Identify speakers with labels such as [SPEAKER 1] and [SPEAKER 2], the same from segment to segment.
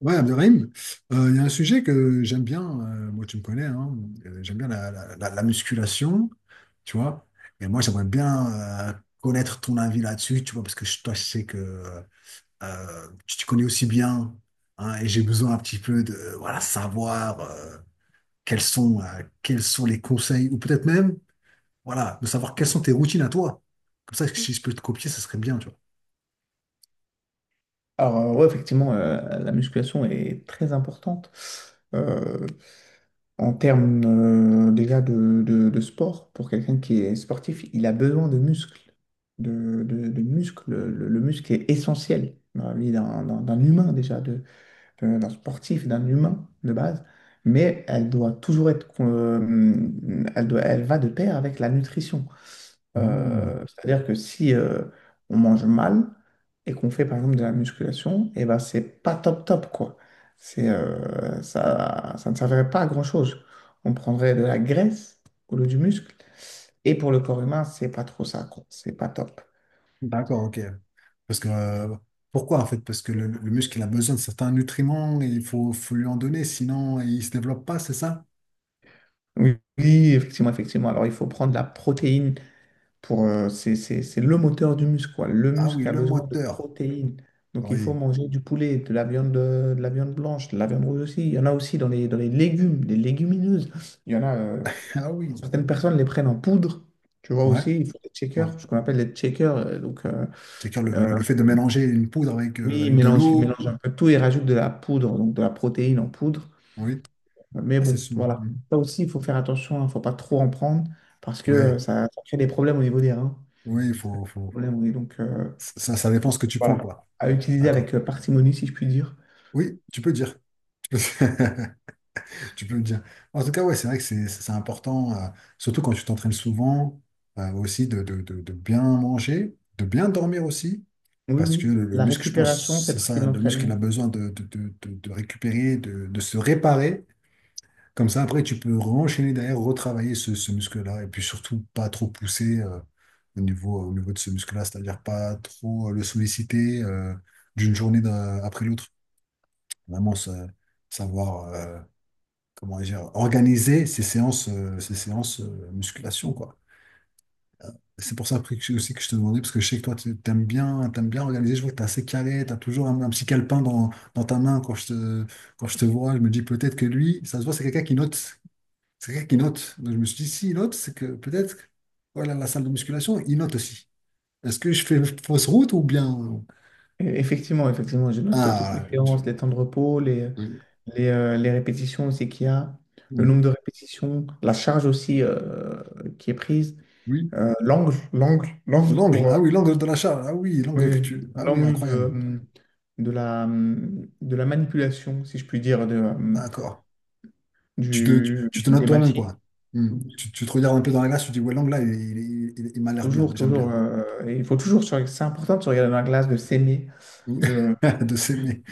[SPEAKER 1] Ouais, Abderrahim, il y a un sujet que j'aime bien. Moi tu me connais, hein. J'aime bien la musculation, tu vois, et moi j'aimerais bien connaître ton avis là-dessus, tu vois, parce que toi je sais que tu te connais aussi bien, hein, et j'ai besoin un petit peu de, voilà, savoir quels sont les conseils, ou peut-être même, voilà, de savoir quelles sont tes routines à toi. Comme ça, si je peux te copier, ça serait bien, tu vois.
[SPEAKER 2] Ouais, effectivement, la musculation est très importante euh, en termes déjà de sport. Pour quelqu'un qui est sportif, il a besoin de muscles, de muscles. Le muscle est essentiel dans la vie d'un humain déjà, de, d'un sportif, d'un humain de base, mais elle doit toujours être, elle doit, elle va de pair avec la nutrition.
[SPEAKER 1] Hmm.
[SPEAKER 2] C'est-à-dire que si on mange mal et qu'on fait par exemple de la musculation, et ben c'est pas top top quoi. C'est ça, ça ne servirait pas à grand-chose. On prendrait de la graisse au lieu du muscle. Et pour le corps humain, c'est pas trop ça, quoi. C'est pas top.
[SPEAKER 1] D'accord, ok. Parce que, pourquoi en fait? Parce que le muscle, il a besoin de certains nutriments et il faut, faut lui en donner, sinon il ne se développe pas, c'est ça?
[SPEAKER 2] Oui, oui, effectivement, effectivement. Alors, il faut prendre de la protéine pour, c'est le moteur du muscle, quoi. Le
[SPEAKER 1] Ah oui,
[SPEAKER 2] muscle a
[SPEAKER 1] le
[SPEAKER 2] besoin de
[SPEAKER 1] moteur.
[SPEAKER 2] protéines. Donc, il faut
[SPEAKER 1] Oui.
[SPEAKER 2] manger du poulet, de, la viande blanche, de la viande rouge aussi. Il y en a aussi dans les légumes, les légumineuses. Il y en a,
[SPEAKER 1] Ah oui.
[SPEAKER 2] certaines personnes les prennent en poudre. Tu vois
[SPEAKER 1] Ouais,
[SPEAKER 2] aussi, ils font des
[SPEAKER 1] ouais.
[SPEAKER 2] shakers, ce qu'on appelle les shakers. Donc,
[SPEAKER 1] C'est-à-dire le,
[SPEAKER 2] euh,
[SPEAKER 1] le- le fait de mélanger une poudre avec,
[SPEAKER 2] oui,
[SPEAKER 1] avec de
[SPEAKER 2] ils
[SPEAKER 1] l'eau.
[SPEAKER 2] mélangent un peu tout, ils rajoutent de la poudre, donc de la protéine en poudre.
[SPEAKER 1] Oui.
[SPEAKER 2] Mais
[SPEAKER 1] Ah,
[SPEAKER 2] bon, voilà. Ça aussi, il faut faire attention, il ne faut pas trop en prendre parce que
[SPEAKER 1] Oui,
[SPEAKER 2] ça, ça crée des problèmes au niveau des reins.
[SPEAKER 1] oui, il
[SPEAKER 2] Ça crée
[SPEAKER 1] faut,
[SPEAKER 2] des problèmes, oui.
[SPEAKER 1] Ça, ça dépend ce que tu prends,
[SPEAKER 2] Voilà.
[SPEAKER 1] quoi.
[SPEAKER 2] À utiliser
[SPEAKER 1] D'accord.
[SPEAKER 2] avec parcimonie, si je puis dire.
[SPEAKER 1] Oui, tu peux dire. Tu peux le dire. En tout cas, ouais, c'est vrai que c'est important, surtout quand tu t'entraînes souvent, aussi de, de bien manger, de bien dormir aussi,
[SPEAKER 2] Oui,
[SPEAKER 1] parce que
[SPEAKER 2] oui.
[SPEAKER 1] le
[SPEAKER 2] La
[SPEAKER 1] muscle, je
[SPEAKER 2] récupération
[SPEAKER 1] pense,
[SPEAKER 2] fait
[SPEAKER 1] c'est
[SPEAKER 2] partie de
[SPEAKER 1] ça, le muscle, il
[SPEAKER 2] l'entraînement.
[SPEAKER 1] a besoin de, de récupérer, de se réparer. Comme ça, après, tu peux enchaîner derrière, retravailler ce, ce muscle-là, et puis surtout pas trop pousser au niveau de ce muscle-là, c'est-à-dire pas trop le solliciter d'une journée après l'autre. Vraiment, savoir. Comment dire, organiser ces séances musculation, quoi. Euh, C'est pour ça après, que aussi que je te demandais, parce que je sais que toi, tu aimes bien, t'aimes bien organiser. Je vois que tu es assez carré, tu as toujours un petit calepin dans, dans ta main quand je te vois. Je me dis peut-être que lui, ça se voit, c'est quelqu'un qui note. C'est quelqu'un qui note. Donc je me suis dit, s'il note, c'est que peut-être, que, voilà, la salle de musculation, il note aussi. Est-ce que je fais fausse route ou bien.
[SPEAKER 2] Effectivement, effectivement, je note toutes
[SPEAKER 1] Ah,
[SPEAKER 2] mes
[SPEAKER 1] voilà.
[SPEAKER 2] séances, les temps de repos,
[SPEAKER 1] Oui.
[SPEAKER 2] les répétitions aussi qu'il y a, le nombre
[SPEAKER 1] Mhm.
[SPEAKER 2] de répétitions, la charge aussi qui est prise,
[SPEAKER 1] Oui.
[SPEAKER 2] l'angle
[SPEAKER 1] L'angle.
[SPEAKER 2] pour,
[SPEAKER 1] Ah oui, l'angle de la charge. Ah oui, l'angle que
[SPEAKER 2] oui,
[SPEAKER 1] tu. Ah oui,
[SPEAKER 2] l'angle
[SPEAKER 1] incroyable.
[SPEAKER 2] de la manipulation, si je puis dire,
[SPEAKER 1] D'accord. Tu te, tu,
[SPEAKER 2] du,
[SPEAKER 1] tu te notes
[SPEAKER 2] des
[SPEAKER 1] toi-même,
[SPEAKER 2] machines.
[SPEAKER 1] quoi. Hmm. Tu te regardes un peu dans la glace, tu te dis, ouais, l'angle là, il, il m'a l'air bien,
[SPEAKER 2] Toujours,
[SPEAKER 1] j'aime
[SPEAKER 2] toujours.
[SPEAKER 1] bien.
[SPEAKER 2] Et il faut toujours. C'est important de se regarder dans la glace, de s'aimer. De...
[SPEAKER 1] De s'aimer.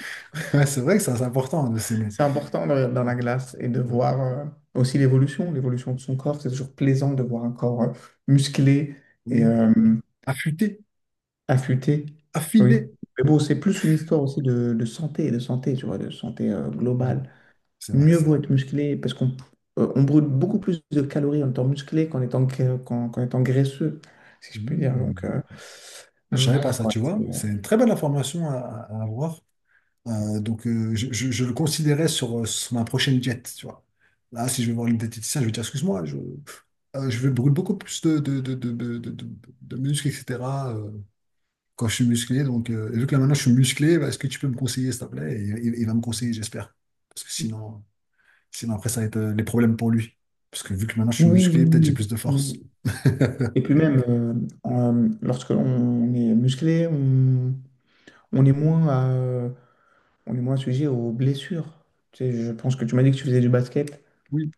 [SPEAKER 1] Ouais, c'est vrai que ça, c'est important de s'aimer.
[SPEAKER 2] C'est important de regarder dans la
[SPEAKER 1] Ouais,
[SPEAKER 2] glace et de
[SPEAKER 1] ouais.
[SPEAKER 2] voir aussi l'évolution, l'évolution de son corps. C'est toujours plaisant de voir un corps musclé et
[SPEAKER 1] Oui. Affûter,
[SPEAKER 2] affûté. Oui.
[SPEAKER 1] affiner.
[SPEAKER 2] Mais bon, c'est plus une histoire aussi de santé, tu vois, de santé
[SPEAKER 1] Ouais,
[SPEAKER 2] globale.
[SPEAKER 1] c'est vrai,
[SPEAKER 2] Mieux
[SPEAKER 1] c'est
[SPEAKER 2] vaut
[SPEAKER 1] vrai.
[SPEAKER 2] être musclé parce qu'on on brûle beaucoup plus de calories en étant musclé qu'en étant, qu'en étant graisseux, si je peux dire.
[SPEAKER 1] Hmm. Je savais pas
[SPEAKER 2] Voilà
[SPEAKER 1] ça,
[SPEAKER 2] quoi.
[SPEAKER 1] tu vois. C'est une très bonne information à avoir. Donc, je, je le considérais sur, sur ma prochaine diète, tu vois. Là, si je vais voir une diététicienne, je vais dire, excuse-moi, je vais brûler beaucoup plus de, de muscles, etc. quand je suis musclé. Donc, et vu que là maintenant je suis musclé, bah, est-ce que tu peux me conseiller, s'il te plaît? Et, il va me conseiller, j'espère. Parce que sinon, sinon après, ça va être les problèmes pour lui. Parce que vu que maintenant je suis
[SPEAKER 2] Oui, oui,
[SPEAKER 1] musclé, peut-être
[SPEAKER 2] oui,
[SPEAKER 1] j'ai plus de
[SPEAKER 2] effectivement.
[SPEAKER 1] force.
[SPEAKER 2] Et puis même, lorsque l'on est musclé, on, on est moins à- on est moins sujet aux blessures. Tu sais, je pense que tu m'as dit que tu faisais du basket.
[SPEAKER 1] Oui,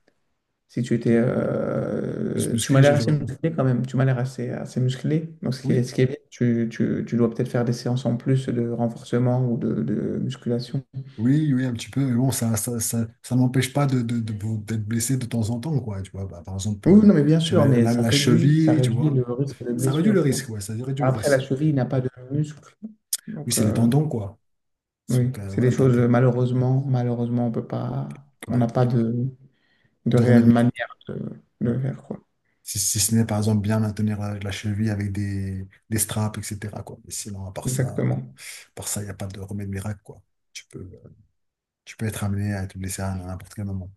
[SPEAKER 2] Si tu étais,
[SPEAKER 1] oui. Plus
[SPEAKER 2] tu m'as
[SPEAKER 1] musclé, je,
[SPEAKER 2] l'air assez musclé quand même. Tu m'as l'air assez, assez musclé. Donc
[SPEAKER 1] Oui,
[SPEAKER 2] ce qui est bien, tu dois peut-être faire des séances en plus de renforcement ou de musculation.
[SPEAKER 1] oui, oui, un petit peu. Mais bon, ça n'empêche pas de, de, d'être blessé de temps en temps, quoi. Tu vois, bah, par exemple,
[SPEAKER 2] Oui, non, mais bien sûr,
[SPEAKER 1] j'avais
[SPEAKER 2] mais
[SPEAKER 1] la, la
[SPEAKER 2] ça
[SPEAKER 1] cheville, tu
[SPEAKER 2] réduit le
[SPEAKER 1] vois.
[SPEAKER 2] risque de
[SPEAKER 1] Ça réduit le
[SPEAKER 2] blessure, quoi.
[SPEAKER 1] risque, ouais, ça réduit le
[SPEAKER 2] Après, la
[SPEAKER 1] risque.
[SPEAKER 2] cheville n'a pas de muscle.
[SPEAKER 1] Oui,
[SPEAKER 2] Donc,
[SPEAKER 1] c'est les
[SPEAKER 2] euh,
[SPEAKER 1] tendons, quoi.
[SPEAKER 2] Oui,
[SPEAKER 1] Donc,
[SPEAKER 2] c'est des
[SPEAKER 1] voilà,
[SPEAKER 2] choses, malheureusement, malheureusement, on peut pas, on
[SPEAKER 1] ouais,
[SPEAKER 2] n'a pas de, de
[SPEAKER 1] de
[SPEAKER 2] réelle
[SPEAKER 1] remède miracle.
[SPEAKER 2] manière de le faire, quoi.
[SPEAKER 1] Si, si ce n'est par exemple bien maintenir la, la cheville avec des straps, etc. quoi. Mais sinon, à part ça,
[SPEAKER 2] Exactement.
[SPEAKER 1] par ça, il n'y a pas de remède miracle, quoi. Tu peux, tu peux être amené à te blesser à n'importe quel moment.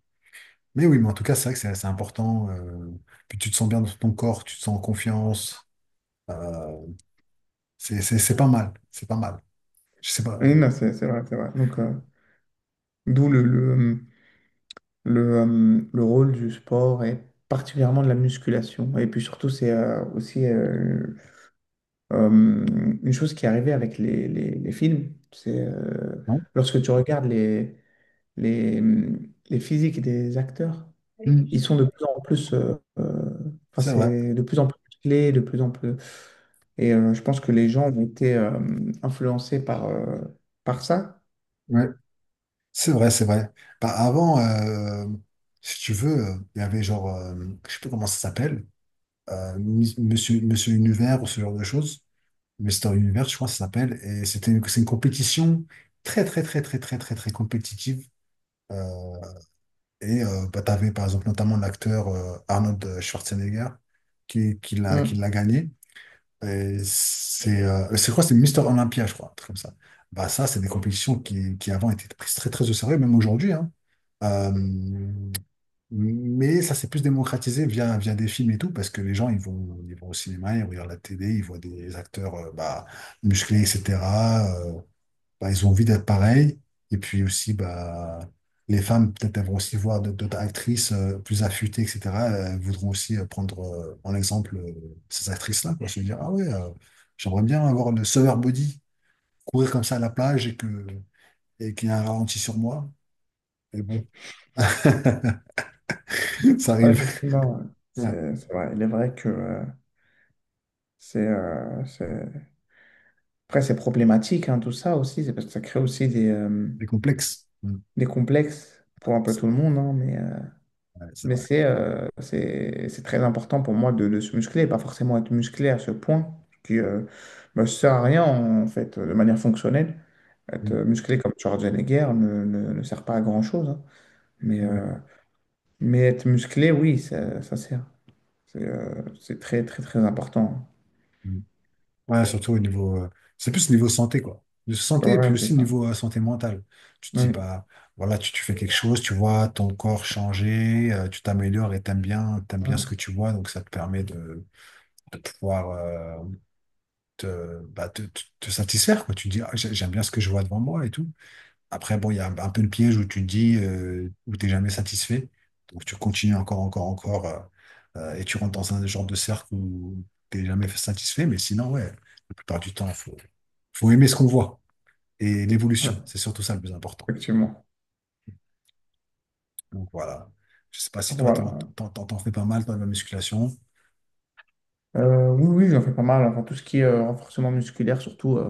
[SPEAKER 1] Mais oui, mais en tout cas, c'est vrai que c'est important. Puis tu te sens bien dans ton corps, tu te sens en confiance. euh, c'est pas mal. C'est pas mal. Je sais pas.
[SPEAKER 2] Oui, non, c'est vrai, c'est vrai. D'où le rôle du sport et particulièrement de la musculation. Et puis surtout, c'est aussi euh, une chose qui est arrivée avec les films. C'est
[SPEAKER 1] Non.
[SPEAKER 2] lorsque tu regardes les, les physiques des acteurs,
[SPEAKER 1] Mm.
[SPEAKER 2] ils sont de plus en plus, enfin,
[SPEAKER 1] C'est vrai.
[SPEAKER 2] c'est de plus en plus clés, de plus en plus. Et je pense que les gens ont été influencés par, par ça.
[SPEAKER 1] Ouais. C'est vrai, c'est vrai. Bah, avant, si tu veux, il y avait genre, je sais plus comment ça s'appelle, Monsieur, Monsieur Univers ou ce genre de choses. Mister Univers, je crois que ça s'appelle. Et c'était une, c'est une compétition très, très, très, très, très, très, très compétitive. Euh, et bah, tu avais par exemple notamment l'acteur Arnold Schwarzenegger qui
[SPEAKER 2] Mm.
[SPEAKER 1] l'a gagné. Et c'est quoi? C'est Mister Olympia, je crois, un truc comme ça. Bah, ça, c'est des compétitions qui avant étaient prises très, très au sérieux, même aujourd'hui, hein. Euh, mais ça s'est plus démocratisé via, via des films et tout, parce que les gens, ils vont au cinéma, ils regardent la télé, ils voient des acteurs bah, musclés, etc. euh, Bah, ils ont envie d'être pareils. Et puis aussi, bah, les femmes, peut-être, elles vont aussi voir d'autres actrices plus affûtées, etc. Elles voudront aussi prendre en exemple ces actrices-là, quoi. Se dire, ah ouais, j'aimerais bien avoir le summer body, courir comme ça à la plage et que, et qu'il y ait un ralenti sur moi. Mais bon, ça
[SPEAKER 2] Ouais,
[SPEAKER 1] arrive.
[SPEAKER 2] effectivement, ouais. C'est vrai. Il est vrai que c'est, euh, c'est- après, c'est problématique, hein, tout ça aussi, c'est parce que ça crée aussi
[SPEAKER 1] Les complexes. Mm.
[SPEAKER 2] des complexes pour un peu
[SPEAKER 1] C'est
[SPEAKER 2] tout le monde, hein, mais
[SPEAKER 1] ouais, c'est
[SPEAKER 2] mais
[SPEAKER 1] vrai.
[SPEAKER 2] c'est c'est très important pour moi de se muscler, pas forcément être musclé à ce point, qui ne sert à rien en fait, de manière fonctionnelle. Être
[SPEAKER 1] Mm.
[SPEAKER 2] musclé comme Schwarzenegger ne, ne, ne sert pas à grand-chose. Hein. Mais,
[SPEAKER 1] Ouais,
[SPEAKER 2] euh, mais être musclé, oui, ça sert. C'est très, très, très important.
[SPEAKER 1] mm. Ouais, surtout au niveau. C'est plus niveau santé, quoi. De santé et puis
[SPEAKER 2] Ouais, c'est
[SPEAKER 1] aussi
[SPEAKER 2] ça.
[SPEAKER 1] niveau santé mentale. Tu te dis,
[SPEAKER 2] Oui,
[SPEAKER 1] bah, voilà, tu fais quelque chose, tu vois ton corps changer, tu t'améliores et t'aimes bien ce que
[SPEAKER 2] ouais,
[SPEAKER 1] tu vois, donc ça te permet de pouvoir te, bah, te, te satisfaire, quoi. Tu te dis, ah, j'aime bien ce que je vois devant moi et tout. Après, bon, il y a un peu le piège où tu te dis, où t'es jamais satisfait. Donc, tu continues encore, encore, encore, et tu rentres dans un genre de cercle où t'es jamais satisfait. Mais sinon, ouais, la plupart du temps, faut, faut aimer ce qu'on voit et l'évolution.
[SPEAKER 2] ouais,
[SPEAKER 1] C'est surtout ça le plus important.
[SPEAKER 2] effectivement.
[SPEAKER 1] Donc, voilà. Je sais pas si toi,
[SPEAKER 2] Voilà.
[SPEAKER 1] t'en fais pas mal, toi, de la musculation.
[SPEAKER 2] Oui, oui, j'en fais pas mal. Enfin, tout ce qui est renforcement musculaire, surtout euh,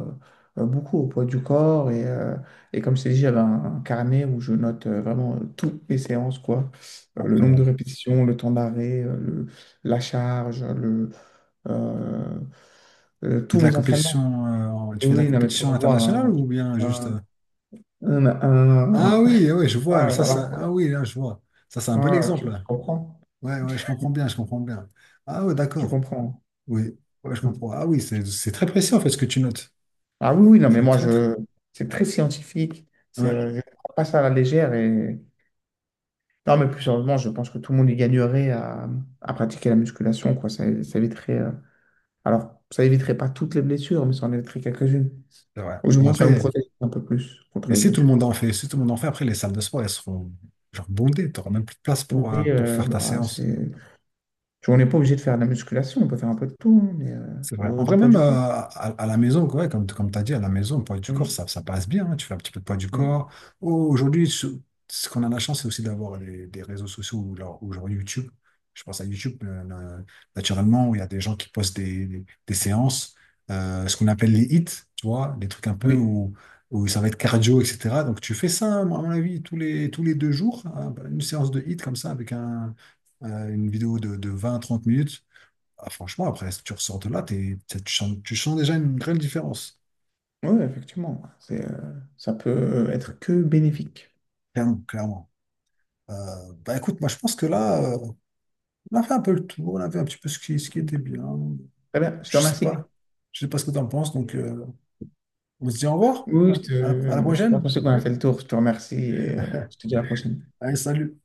[SPEAKER 2] euh, beaucoup au poids du corps. Et comme je t'ai dit, j'avais un carnet où je note vraiment toutes mes séances, quoi. Le nombre de
[SPEAKER 1] Incroyable.
[SPEAKER 2] répétitions, le temps d'arrêt, la charge, euh,
[SPEAKER 1] Tu fais
[SPEAKER 2] tous
[SPEAKER 1] de la
[SPEAKER 2] mes entraînements.
[SPEAKER 1] compétition, tu
[SPEAKER 2] Oui,
[SPEAKER 1] fais de la
[SPEAKER 2] oui, non, mais pour
[SPEAKER 1] compétition
[SPEAKER 2] avoir
[SPEAKER 1] internationale ou bien juste.
[SPEAKER 2] un, un- un-
[SPEAKER 1] Ah
[SPEAKER 2] un-
[SPEAKER 1] oui, oui, je vois.
[SPEAKER 2] ah,
[SPEAKER 1] Ça,
[SPEAKER 2] voilà,
[SPEAKER 1] ça...
[SPEAKER 2] quoi.
[SPEAKER 1] Ah oui, là, je vois. Ça, c'est un bon
[SPEAKER 2] Ah, tu,
[SPEAKER 1] exemple.
[SPEAKER 2] tu comprends?
[SPEAKER 1] Ouais, ouais, je comprends bien, je comprends bien. Ah ouais,
[SPEAKER 2] Tu
[SPEAKER 1] d'accord.
[SPEAKER 2] comprends.
[SPEAKER 1] Oui, ouais, je comprends. Ah oui, c'est très précis en fait ce que tu notes.
[SPEAKER 2] Ah oui, oui, non, mais
[SPEAKER 1] C'est
[SPEAKER 2] moi,
[SPEAKER 1] très, très.
[SPEAKER 2] je... c'est très scientifique.
[SPEAKER 1] Ouais,
[SPEAKER 2] Je ne prends pas ça à la légère. Et... Non, mais plus sérieusement, je pense que tout le monde y gagnerait à pratiquer la musculation, quoi. Ça éviterait. Alors, ça éviterait pas toutes les blessures, mais ça en éviterait quelques-unes.
[SPEAKER 1] c'est vrai.
[SPEAKER 2] Au
[SPEAKER 1] Bon,
[SPEAKER 2] moins, ça nous
[SPEAKER 1] après,
[SPEAKER 2] protège un peu plus contre
[SPEAKER 1] mais
[SPEAKER 2] les
[SPEAKER 1] si tout le
[SPEAKER 2] blessures.
[SPEAKER 1] monde en fait, si tout le monde en fait, après les salles de sport, elles seront genre bondées. Tu n'auras même plus de place
[SPEAKER 2] Oui,
[SPEAKER 1] pour faire ta
[SPEAKER 2] bah,
[SPEAKER 1] séance.
[SPEAKER 2] c'est... tu vois, on n'est pas obligé de faire de la musculation, on peut faire un peu de tout, hein, mais,
[SPEAKER 1] C'est vrai. En vrai,
[SPEAKER 2] du poids
[SPEAKER 1] même
[SPEAKER 2] du corps.
[SPEAKER 1] à la maison, ouais, comme, comme tu as dit, à la maison, le poids du corps,
[SPEAKER 2] Oui,
[SPEAKER 1] ça passe bien, hein. Tu fais un petit peu de poids du
[SPEAKER 2] mm,
[SPEAKER 1] corps. Oh, aujourd'hui, ce qu'on a la chance, c'est aussi d'avoir des réseaux sociaux ou ou genre YouTube. Je pense à YouTube, naturellement, où il y a des gens qui postent des, des séances, ce qu'on appelle les hits, tu vois, des trucs un peu
[SPEAKER 2] oui,
[SPEAKER 1] où, où ça va être cardio, etc. Donc, tu fais ça, moi, à mon avis, tous les deux jours, hein, une séance de hits comme ça, avec un, une vidéo de 20-30 minutes ah, franchement, après, si tu ressors de là, tu sens déjà une grande différence.
[SPEAKER 2] oui, effectivement. Ça peut être que bénéfique.
[SPEAKER 1] Clairement, clairement. Bah écoute, moi je pense que là, on a fait un peu le tour, on a fait un petit peu ce qui
[SPEAKER 2] Très
[SPEAKER 1] était bien.
[SPEAKER 2] bien, je te
[SPEAKER 1] Je sais pas.
[SPEAKER 2] remercie.
[SPEAKER 1] Je sais pas ce que tu en penses, donc on se dit au revoir.
[SPEAKER 2] Oui, je, te-
[SPEAKER 1] À la
[SPEAKER 2] euh, je
[SPEAKER 1] prochaine.
[SPEAKER 2] pense qu'on a fait le tour. Je te remercie et je te dis à la prochaine.
[SPEAKER 1] Allez, salut.